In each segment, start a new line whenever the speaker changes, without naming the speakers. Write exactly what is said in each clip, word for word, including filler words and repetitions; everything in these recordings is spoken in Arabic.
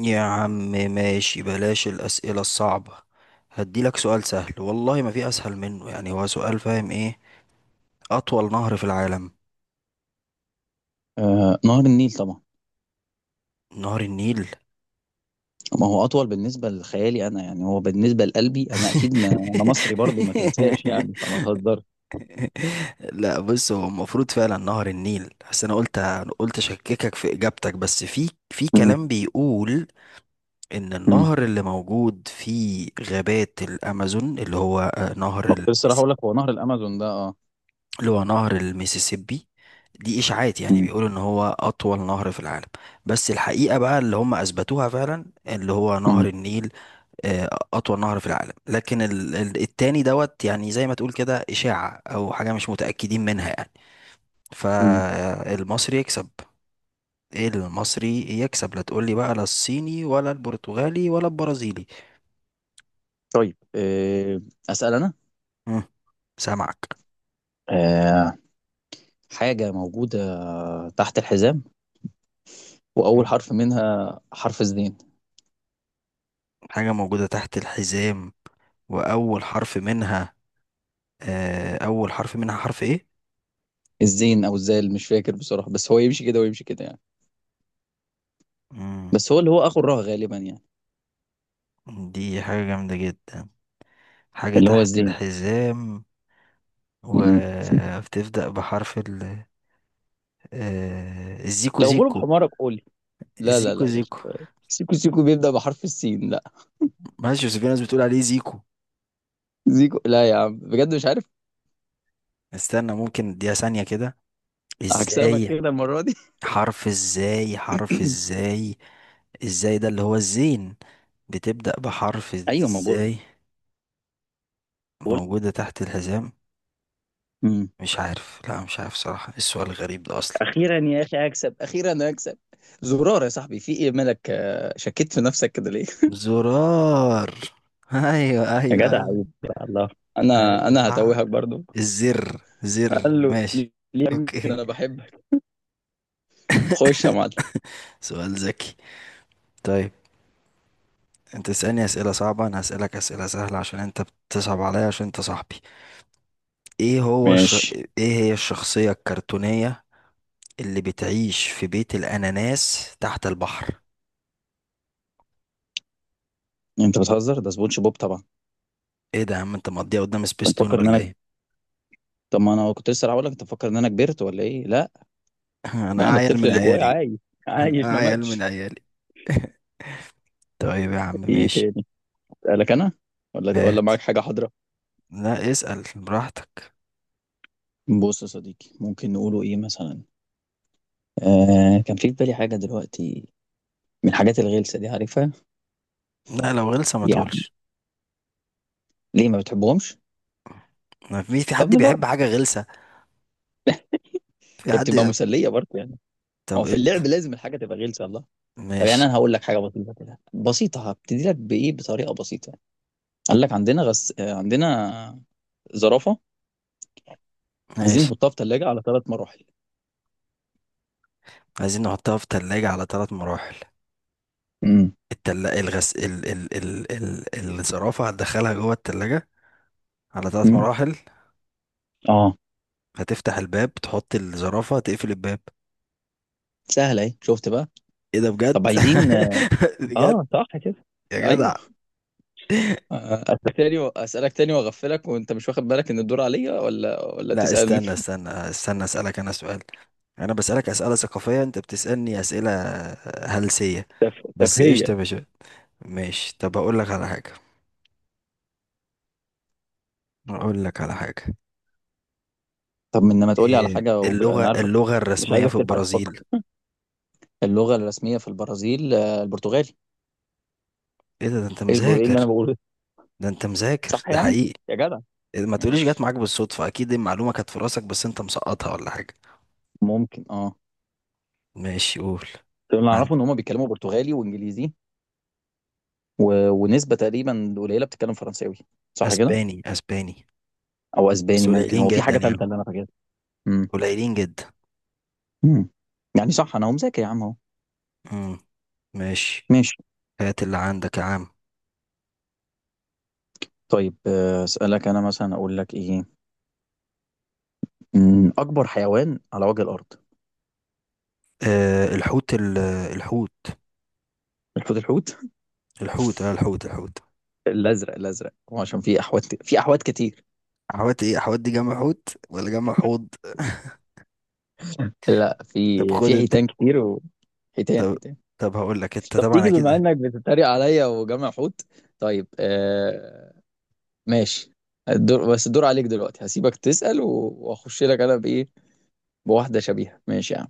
يا عم، ماشي بلاش الأسئلة الصعبة. هديلك سؤال سهل والله ما في أسهل منه، يعني هو سؤال، فاهم إيه؟ أطول نهر في العالم.
آه، نهر النيل طبعا.
نهر النيل.
ما هو اطول بالنسبه لخيالي انا، يعني هو بالنسبه لقلبي انا اكيد، ما انا مصري برضو ما تنساش يعني، فما تهزرش.
لا بص، هو المفروض فعلا نهر النيل، بس أنا قلت قلت أشككك في إجابتك، بس في في
مم.
كلام بيقول إن
مم.
النهر اللي موجود في غابات الأمازون، اللي هو آه، نهر
ما كنت لسه راح
المسيسيبي،
اقول لك هو نهر الامازون ده اه.
اللي هو نهر الميسيسيبي، دي إشاعات، يعني
مم.
بيقولوا إن هو أطول نهر في العالم. بس الحقيقة بقى اللي هم أثبتوها فعلا اللي هو نهر
مم.
النيل. آه، أطول نهر في العالم، لكن ال- ال- التاني دوت، يعني زي ما تقول كده إشاعة أو حاجة مش متأكدين منها يعني.
مم.
فالمصري يكسب، إيه المصري يكسب، لا تقولي بقى لا الصيني ولا البرتغالي ولا البرازيلي.
طيب. آه، اسال انا.
مم، سامعك.
آه، حاجه موجوده تحت الحزام، واول
مم.
حرف منها حرف الزين.
حاجة موجودة تحت الحزام، وأول حرف منها، آه، أول حرف منها حرف إيه؟
الزين او الزال مش فاكر بصراحه، بس هو يمشي كده ويمشي كده يعني.
مم.
بس هو اللي هو اخو الراء غالبا يعني.
دي حاجة جامدة جدا، حاجة
اللي هو
تحت
الزين.
الحزام
مم.
وبتبدأ بحرف ال، آه، الزيكو
لو غلب
زيكو.
حمارك قول لي. لا لا
الزيكو
لا يا باشا،
زيكو،
سيكو سيكو بيبدأ بحرف السين لا.
ماشي، بس في ناس بتقول عليه زيكو.
زيكو لا يا عم بجد مش عارف.
استنى، ممكن اديها ثانية كده.
هكسبك
ازاي؟
كده المرة دي.
حرف ازاي؟ حرف ازاي؟ ازاي ده اللي هو الزين؟ بتبدأ بحرف
ايوه ما بقول،
ازاي؟
بقول.
موجودة تحت الحزام.
مم.
مش عارف، لا مش عارف صراحة، إيه السؤال الغريب ده أصلا؟
أخيرا يا أخي أكسب، أخيرا أكسب. زرار يا صاحبي، في إيه مالك؟ آه، شكيت في نفسك كده ليه؟
زرار. ايوه
يا
ايوه
جدع
ايوه.
عيب، يا الله. أنا
ايوه
أنا
صح.
هتوهك برضو.
الزر زر.
قال له
ماشي،
ليه؟ ليه؟ يمكن
اوكي.
أنا بحبك. خش يا معلم.
سؤال ذكي. طيب، انت تسألني اسئلة صعبة، انا هسألك اسئلة سهلة، عشان انت بتصعب عليا، عشان انت صاحبي. ايه هو الش...
ماشي.
ايه هي الشخصية الكرتونية اللي بتعيش في بيت الاناناس تحت البحر؟
انت بتهزر، ده سبونج بوب طبعا.
ايه ده يا عم، انت مقضيها قدام
انت
سبيستون
مفكر ان
ولا
انا،
ايه؟
طب ما أنا كنت لسه هقول لك أنت مفكر إن أنا كبرت ولا إيه؟ لا. لا
انا
أنا
عيل
الطفل
من
اللي جوايا
عيالي.
عايش، عايش
انا
ما
عيل من
ماتش.
عيالي. طيب يا عم،
ايه
ماشي.
تاني؟ اسالك انا، ولا ولا
هات.
معاك حاجه حاضره.
لا اسأل براحتك.
بص يا صديقي، ممكن نقوله ايه مثلا؟ آه كان في في بالي حاجه دلوقتي، من الحاجات الغلسه دي عارفها.
لا لو غلسة ما
يعني
تقولش.
ليه ما بتحبهمش؟
ما في في
طب
حد بيحب
نجرب،
حاجة غلسة. في
هي
حد
بتبقى
بيحب-.
مسليه برضه يعني. ما هو
طب
في اللعب
قشطة.
لازم الحاجه تبقى غلسه، الله. طب يعني
ماشي.
انا هقول لك حاجه بسيطه كده، بسيطه هبتدي لك بايه بطريقه بسيطه. قال لك عندنا غس... آه، عندنا زرافه. عايزين
ماشي،
نحطها في ثلاجه على ثلاث مراحل.
عايزين نحطها في تلاجة على ثلاث مراحل.
امم
التل... الغس ال... ال... ال... ال... الزرافة هتدخلها جوه التلاجة على ثلاث
امم
مراحل.
اه،
هتفتح الباب، تحط الزرافة، تقفل الباب.
سهله اهي، شفت بقى؟
ايه ده بجد؟
طب عايزين،
بجد؟
اه صح كده.
يا
ايوه.
جدع.
اسالك تاني و- اسالك تاني واغفلك، وانت مش واخد بالك ان الدور عليا، ولا ولا
لا
تسالني.
استنى استنى استنى، اسالك انا سؤال. انا بسالك اسئله ثقافيه، انت بتسالني اسئله آه، هلسيه.
تف-
بس قشطه
تفهية.
يا باشا. ماشي، طب اقول لك على حاجه اقول لك على حاجه.
طب من لما تقولي على
إيه
حاجه وبقى انا
اللغه
عارفك،
اللغه
مش
الرسميه في
عايزك تلحق
البرازيل؟
تفكر. اللغه الرسميه في البرازيل آه، البرتغالي.
ايه ده, ده انت
ايه البر- إيه اللي انا
مذاكر؟
بقوله ده؟
ده انت
صح
مذاكر ده
يعني،
حقيقي.
يا جدع.
إيه ده، ما تقوليش جت
ماشي
معاك بالصدفه، اكيد المعلومه كانت في راسك بس انت مسقطها ولا حاجه.
ممكن اه.
ماشي قول.
طب اللي
عن.
اعرفه ان هم بيتكلموا برتغالي وانجليزي، و... ونسبه تقريبا قليله بتتكلم فرنساوي، صح كده؟
اسباني، اسباني.
او
بس
اسباني، ممكن
قليلين
هو في
جدا
حاجه
يعني،
ثالثه اللي انا فاكرها. امم
قليلين جدا.
أمم. يعني صح، انا هو مذاكر يا عم اهو.
امم. ماشي،
ماشي.
هات اللي عندك يا عم.
طيب. آه، اسالك انا مثلا اقول لك ايه؟ أمم، اكبر حيوان على وجه الارض.
آه الحوت ال- الحوت.
الحوت الحوت
الحوت اه الحوت الحوت.
الازرق الازرق، هو عشان في احوات، في احوات كتير.
حوت ايه؟ حوت دي جمع حوت ولا جمع حوض؟
لا في،
طب خد
في
انت.
حيتان كتير و... حيتان
طب
حيتان.
طب هقول لك انت
طب
طبعا
تيجي بما
اكيد.
انك بتتريق عليا، وجمع حوت. طيب. آه ماشي. الدور، بس الدور عليك دلوقتي. هسيبك تسأل و- واخش لك انا بايه، بواحدة شبيهة. ماشي يا عم.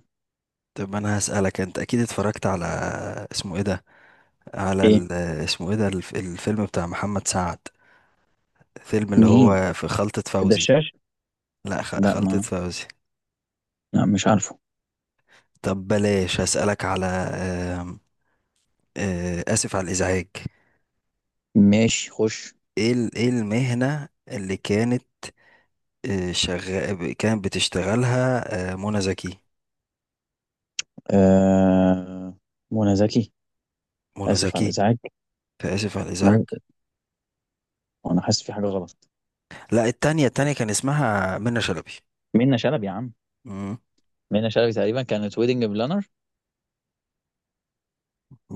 طب انا هسألك، انت اكيد اتفرجت على، اسمه ايه ده، على
ايه؟
ال-، اسمه ايه ده الف- الفيلم بتاع محمد سعد، فيلم اللي
نهين
هو في خلطة فوزي.
الدشاش.
لا خ-
لا
خلطة
ما،
فوزي.
لا مش عارفه.
طب بلاش، هسألك على آم، آه، اسف على الازعاج.
ماشي خش.
ايه ال- ايه المهنة اللي كانت، آه، شغال كانت بتشتغلها، آه، منى زكي؟
آه منى زكي.
منى
اسف على
زكي،
الازعاج.
فآسف على الإزعاج.
منى، انا حاسس في حاجه غلط.
لا، التانية التانية كان اسمها منى شلبي.
منى شلبي يا عم.
مم.
منى شلبي تقريبا كانت ويدنج بلانر،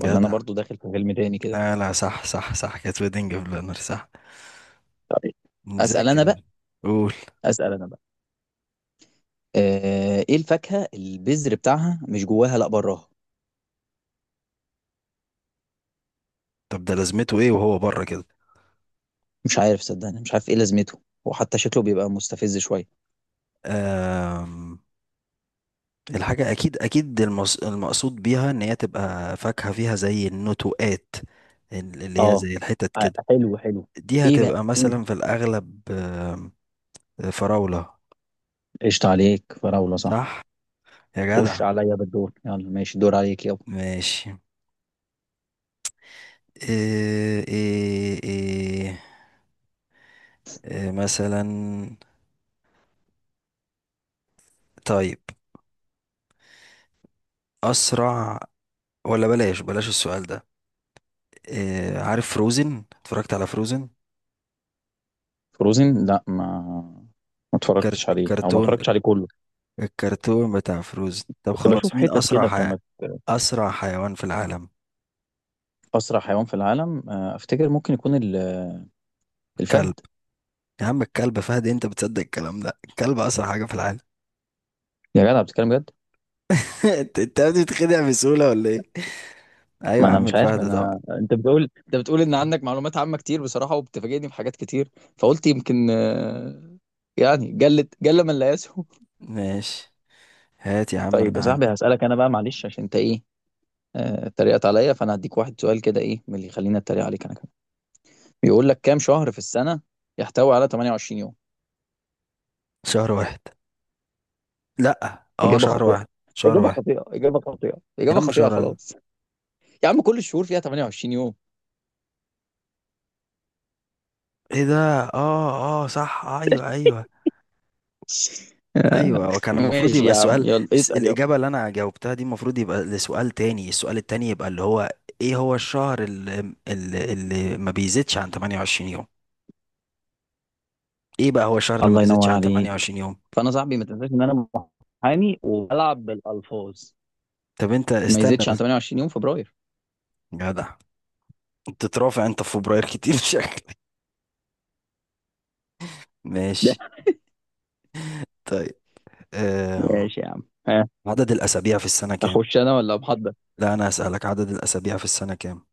ولا انا برضو داخل في فيلم تاني كده.
لا لا، صح صح صح، كانت ويدنج بلانر، صح.
طيب. اسال
مذاكر
انا بقى،
أنا. قول.
اسال انا بقى. آه، ايه الفاكهه البذر بتاعها مش جواها لا براها.
طب ده لازمته ايه وهو بره كده؟
مش عارف صدقني، مش عارف ايه لازمته، وحتى شكله بيبقى مستفز شويه.
آم، الحاجة أكيد أكيد المص... المقصود بيها إن هي تبقى فاكهة فيها زي النتوءات، اللي هي
اه
زي الحتت
ع-
كده.
حلو حلو.
دي
ايه بقى
هتبقى
إيه؟
مثلا في الأغلب آم، فراولة.
قشطة عليك، فراولة صح.
صح. يا
خش
جدع.
عليا بالدور، يلا ماشي، دور عليك يلا.
ماشي. إيه إيه إيه، إيه مثلا، طيب، أسرع، ولا بلاش، بلاش السؤال ده. إيه، عارف فروزن؟ اتفرجت على فروزن؟
فروزن، لا ما، ما
الكرت
اتفرجتش عليه، او ما
الكرتون،
اتفرجتش عليه كله.
الكرتون بتاع فروزن. طب
كنت بشوف
خلاص، مين
حتت
أسرع
كده
حي...
فما.
أسرع حيوان في العالم؟
اسرع حيوان في العالم، آه، افتكر ممكن يكون ال-
كلب.
الفهد.
يا عم الكلب فهد؟ انت بتصدق الكلام ده، الكلب أسرع حاجة في العالم؟
يا جدع بتتكلم بجد؟
انت أنت بتتخدع بسهولة ولا ايه؟ ايوه
ما
يا
انا
عم،
مش عارف
الفهد طبعا.
انا، انت بتقول انت بتقول ان عندك معلومات عامة كتير بصراحة، وبتفاجئني بحاجات كتير، فقلت يمكن آه، يعني جلت جل من لا يسهو.
ماشي، هات يا عم
طيب
اللي
يا صاحبي
عندك.
هسألك انا بقى، معلش عشان انت ايه، آه، اتريقت عليا، فانا هديك واحد سؤال كده ايه من اللي يخليني اتريق عليك انا كمان. بيقول لك كام شهر في السنة يحتوي على ثمانية وعشرين يوم؟
شهر واحد. لا اه
إجابة
شهر
خاطئة،
واحد. شهر
إجابة
واحد.
خاطئة، إجابة خاطئة،
يا
إجابة
عم
خاطئة،
شهر واحد.
خلاص. يا عم كل الشهور فيها ثمانية وعشرين يوم.
ايه ده؟ اه اه صح، ايوه ايوه
آخ،
ايوه. وكان المفروض
ماشي
يبقى
يا عم،
السؤال،
يلا
الس-
اسأل يلا.
الاجابه اللي انا جاوبتها دي المفروض يبقى لسؤال تاني، السؤال التاني يبقى اللي هو، ايه هو الشهر اللي, اللي, اللي ما بيزيدش عن ثمانية وعشرين يوم؟ ايه بقى هو الشهر اللي ما
الله
بيزيدش
ينور
عن
عليك.
ثمانية وعشرين يوم؟
فأنا صاحبي، ما تنساش إن أنا محامي وبلعب بالألفاظ.
طب انت
ما
استنى
يزيدش عن
بس.
ثمانية وعشرين يوم، فبراير.
يا جدع، بتترافع انت في فبراير كتير شكلك.
ده
ماشي. طيب. أم.
ماشي يا عم، ها.
عدد الاسابيع في السنه كام؟
أخش أنا ولا محضر؟
لا انا اسالك، عدد الاسابيع في السنه كام؟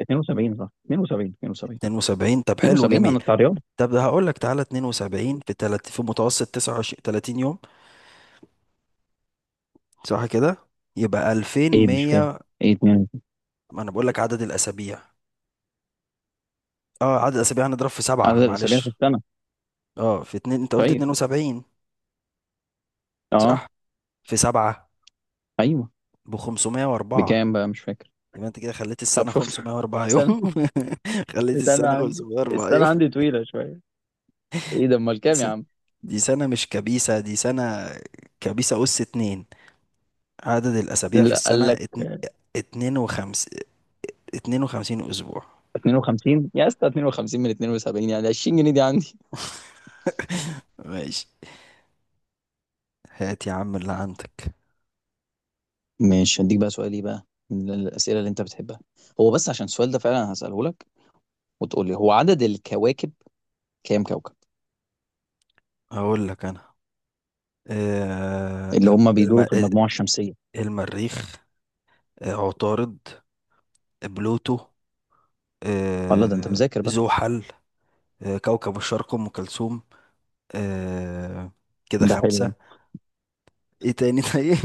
اثنين وسبعين، صح، اثنين وسبعين، اثنين وسبعين،
اتنين وسبعين. طب حلو
اثنين وسبعين،
جميل.
أنا بتاع رياضة.
طب ده هقول لك، تعالى اتنين وسبعين في تلت في متوسط تسعة وعشرين تلاتين يوم، صح كده؟ يبقى
إيه مش فاهم،
الفين ومية.
إيه اتنين؟
ما انا بقول لك عدد الاسابيع، اه عدد الاسابيع هنضرب في
عدد
سبعة
الأسابيع في
معلش،
السنة.
اه في اتنين، انت قلت
طيب.
اتنين وسبعين،
أه.
صح، في سبعة،
أيوه.
ب خمسمية واربعة.
بكام بقى، مش فاكر.
يبقى انت كده خليت
طب
السنة
شفت.
خمسمية واربعة يوم.
سنة.
خليت
استنى
السنة
عندي،
خمسمية واربعة
استنى
يوم.
عندي طويلة شوية. ايه ده، امال
دي
كام يا
سنة،
عم؟
دي سنة مش كبيسة، دي سنة كبيسة أس اتنين. عدد الأسابيع في
لا
السنة
قال لك.
اتن... اتنين وخمس، اتنين وخمسين اسبوع.
اثنين وخمسين يا اسطى، اتنين وخمسين من اثنين وسبعين يعني عشرين جنيه دي عندي.
ماشي، هات يا عم اللي عندك.
ماشي هديك بقى سؤال ايه بقى من الأسئلة اللي أنت بتحبها. هو بس عشان السؤال ده فعلا هسأله لك، وتقول لي هو عدد الكواكب كام كوكب
هقول لك انا، آه،
اللي
الم...
هم بيدوروا
الم...
في المجموعة الشمسية.
المريخ، آه عطارد، آه، بلوتو،
الله ده أنت
آه
مذاكر بقى.
زحل، آه كوكب الشرق ام كلثوم، آه كده
ده حلو
خمسة.
ده.
ايه تاني؟ طيب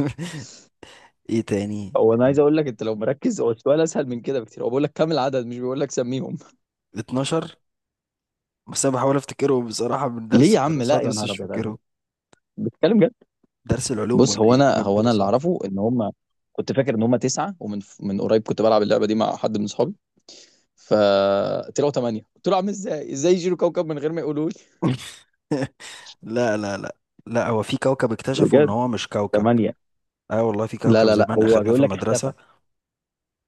ايه تاني؟
هو انا عايز اقول لك انت لو مركز، هو السؤال اسهل من كده بكتير، هو بيقول لك كام العدد، مش بيقول لك سميهم.
اتناشر. بس انا بحاول افتكرهم بصراحة من
ليه
درس
يا عم؟ لا
الدراسات،
يا
بس
نهار
مش
أبيض عليك،
فاكرهم.
بتتكلم.
درس العلوم
بص
ولا
هو
ايه اللي
انا،
جاب
هو انا اللي
دراسات؟
اعرفه ان هم، كنت فاكر ان هم تسعه، ومن من قريب كنت بلعب اللعبه دي مع حد من اصحابي، فطلعوا ثمانيه. قلت له عامل ازاي؟ ازاي يشيلوا كوكب من غير ما يقولوا لي؟
لا لا لا. لا هو في كوكب اكتشفوا ان
بجد؟
هو مش كوكب.
ثمانية؟
اه والله، في
لا
كوكب
لا لا،
زمان
هو
اخدناه في
بيقول لك
المدرسة.
اختفى.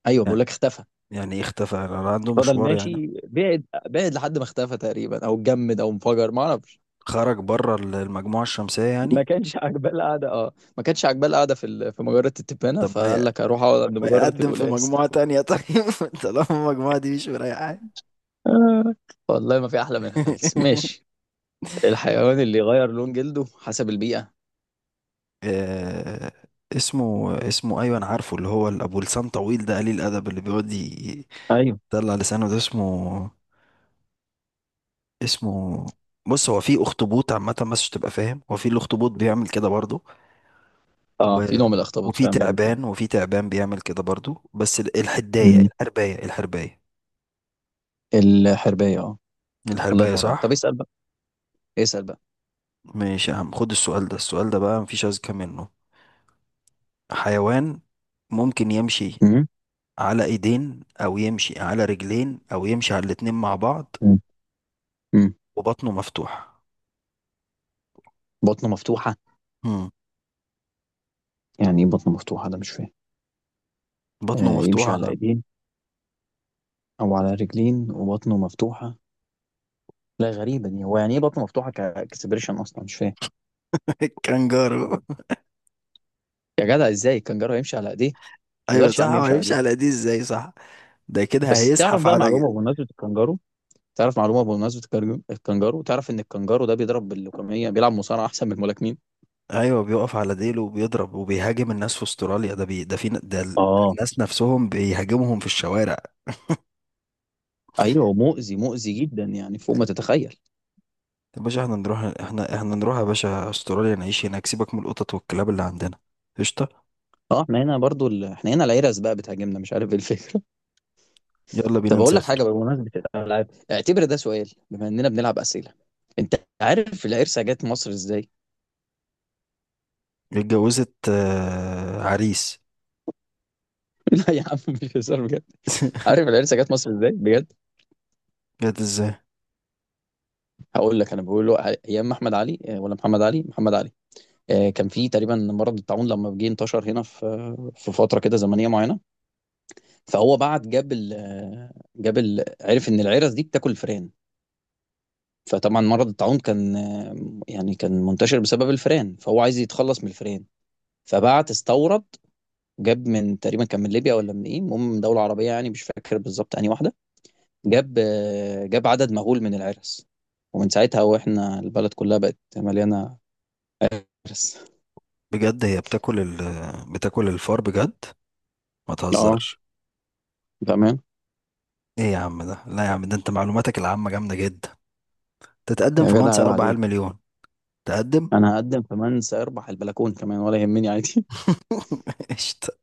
ايوه
يعني،
بيقول لك اختفى.
يعني إيه اختفى، أنا عنده
فضل
مشوار يعني؟
ماشي بعد بعد لحد ما اختفى تقريبا، او اتجمد، او انفجر، ما اعرفش.
خرج بره ال- المجموعة الشمسية يعني.
ما كانش عاجباه القعده، اه ما كانش عاجباه القعده في ال- في مجره التبانه،
طب ما ي...
فقال لك اروح اقعد عند
ما
مجره
يقدم في
القلاس.
مجموعة تانية طيب طالما المجموعة دي مش مريحة.
آه، والله ما في احلى من الهلس، ماشي. الحيوان اللي يغير لون جلده حسب البيئة.
آه، اسمه، اسمه، ايوه انا عارفه، اللي هو ابو لسان طويل ده قليل الادب، اللي بيقعد ي-
ايوه
يطلع لسانه ده، اسمه، اسمه، بص هو في اخطبوط عامة، بس عشان تبقى فاهم، هو في الاخطبوط بيعمل كده برضه،
اه،
و...
في نوع من الاخطبوط
وفي
فعلا بيعمل كده.
تعبان وفي تعبان بيعمل كده برضو، بس ال- الحداية
مم.
الحرباية. الحرباية
الحربية اه. الله
الحرباية،
ينور عليك، طب
صح.
اسأل بقى، اسأل بقى.
ماشي يا عم، خد السؤال ده، السؤال ده بقى مفيش أذكى منه. حيوان ممكن يمشي
مم.
على ايدين، او يمشي على رجلين، او يمشي على الاتنين مع بعض،
مم. مم.
وبطنه مفتوح.
بطنه مفتوحة.
مم.
يعني ايه بطنه مفتوحة؟ ده مش فاهم.
بطنه
آه يمشي على
مفتوحة.
ايدين او على رجلين وبطنه مفتوحة. لا غريبة دي، هو يعني ايه بطنه مفتوحة كاكسبريشن اصلا، مش فاهم.
كانجارو.
يا جدع ازاي الكنجارو يمشي على ايديه؟ ما
ايوه
يقدرش يا
صح،
عم
هو
يمشي على
هيمشي
ايديه.
على ايديه ازاي؟ صح. ده كده
بس تعرف
هيزحف
بقى
على.
معلومة بمناسبة الكنجارو، تعرف معلومة بمناسبة الكنجارو؟ الكنجارو، تعرف ان الكنجارو ده بيضرب باللوكمية، بيلعب مصارعة احسن من الملاكمين.
ايوه بيقف على ديله وبيضرب وبيهاجم الناس في استراليا، ده بي... ده في ن- ده ال- ده
اه
الناس نفسهم بيهاجمهم في الشوارع.
ايوه، مؤذي مؤذي جدا، يعني فوق ما تتخيل.
يا باشا احنا نروح، احنا احنا نروح يا باشا استراليا، نعيش هناك، سيبك من القطط والكلاب اللي عندنا. قشطه.
اه احنا هنا برضو ال... احنا هنا العيرة بقى بتهاجمنا، مش عارف ايه الفكره.
يلا بينا
طب اقول لك حاجه
نسافر.
بقى، بمناسبه الالعاب اعتبر ده سؤال بما اننا بنلعب اسئله. انت عارف العرسه جت مصر ازاي؟
اتجوزت آه، عريس.
لا يا عم مش هزار بجد، عارف العرسه جت مصر ازاي بجد؟
جد ازاي؟
هقول لك انا، بقول له ايام احمد علي آه، ولا محمد علي؟ محمد علي، آه، كان في تقريبا مرض الطاعون لما جه، انتشر هنا في، في فتره كده زمنيه معينه. فهو بعت جاب ال... آه، جاب ال... عرف ان العرس دي بتاكل الفئران، فطبعا مرض الطاعون كان، يعني كان منتشر بسبب الفئران، فهو عايز يتخلص من الفئران. فبعت استورد، جاب من تقريبا، كان من ليبيا ولا من ايه، المهم من دولة عربية، يعني مش فاكر بالظبط انهي واحدة. جاب، جاب عدد مهول من العرس، ومن ساعتها واحنا البلد كلها بقت مليانة عرس.
بجد هي بتاكل ال...، بتاكل الفار بجد؟ ما
اه،
تهزرش.
بأمان.
ايه يا عم ده، لا يا عم ده، انت معلوماتك العامه جامده جدا. تتقدم
يا
في
جدع
منصة
عيب
اربعة
عليك.
مليون. تقدم.
انا هقدم كمان، سيربح البلكون كمان، ولا يهمني عادي.
قشطه.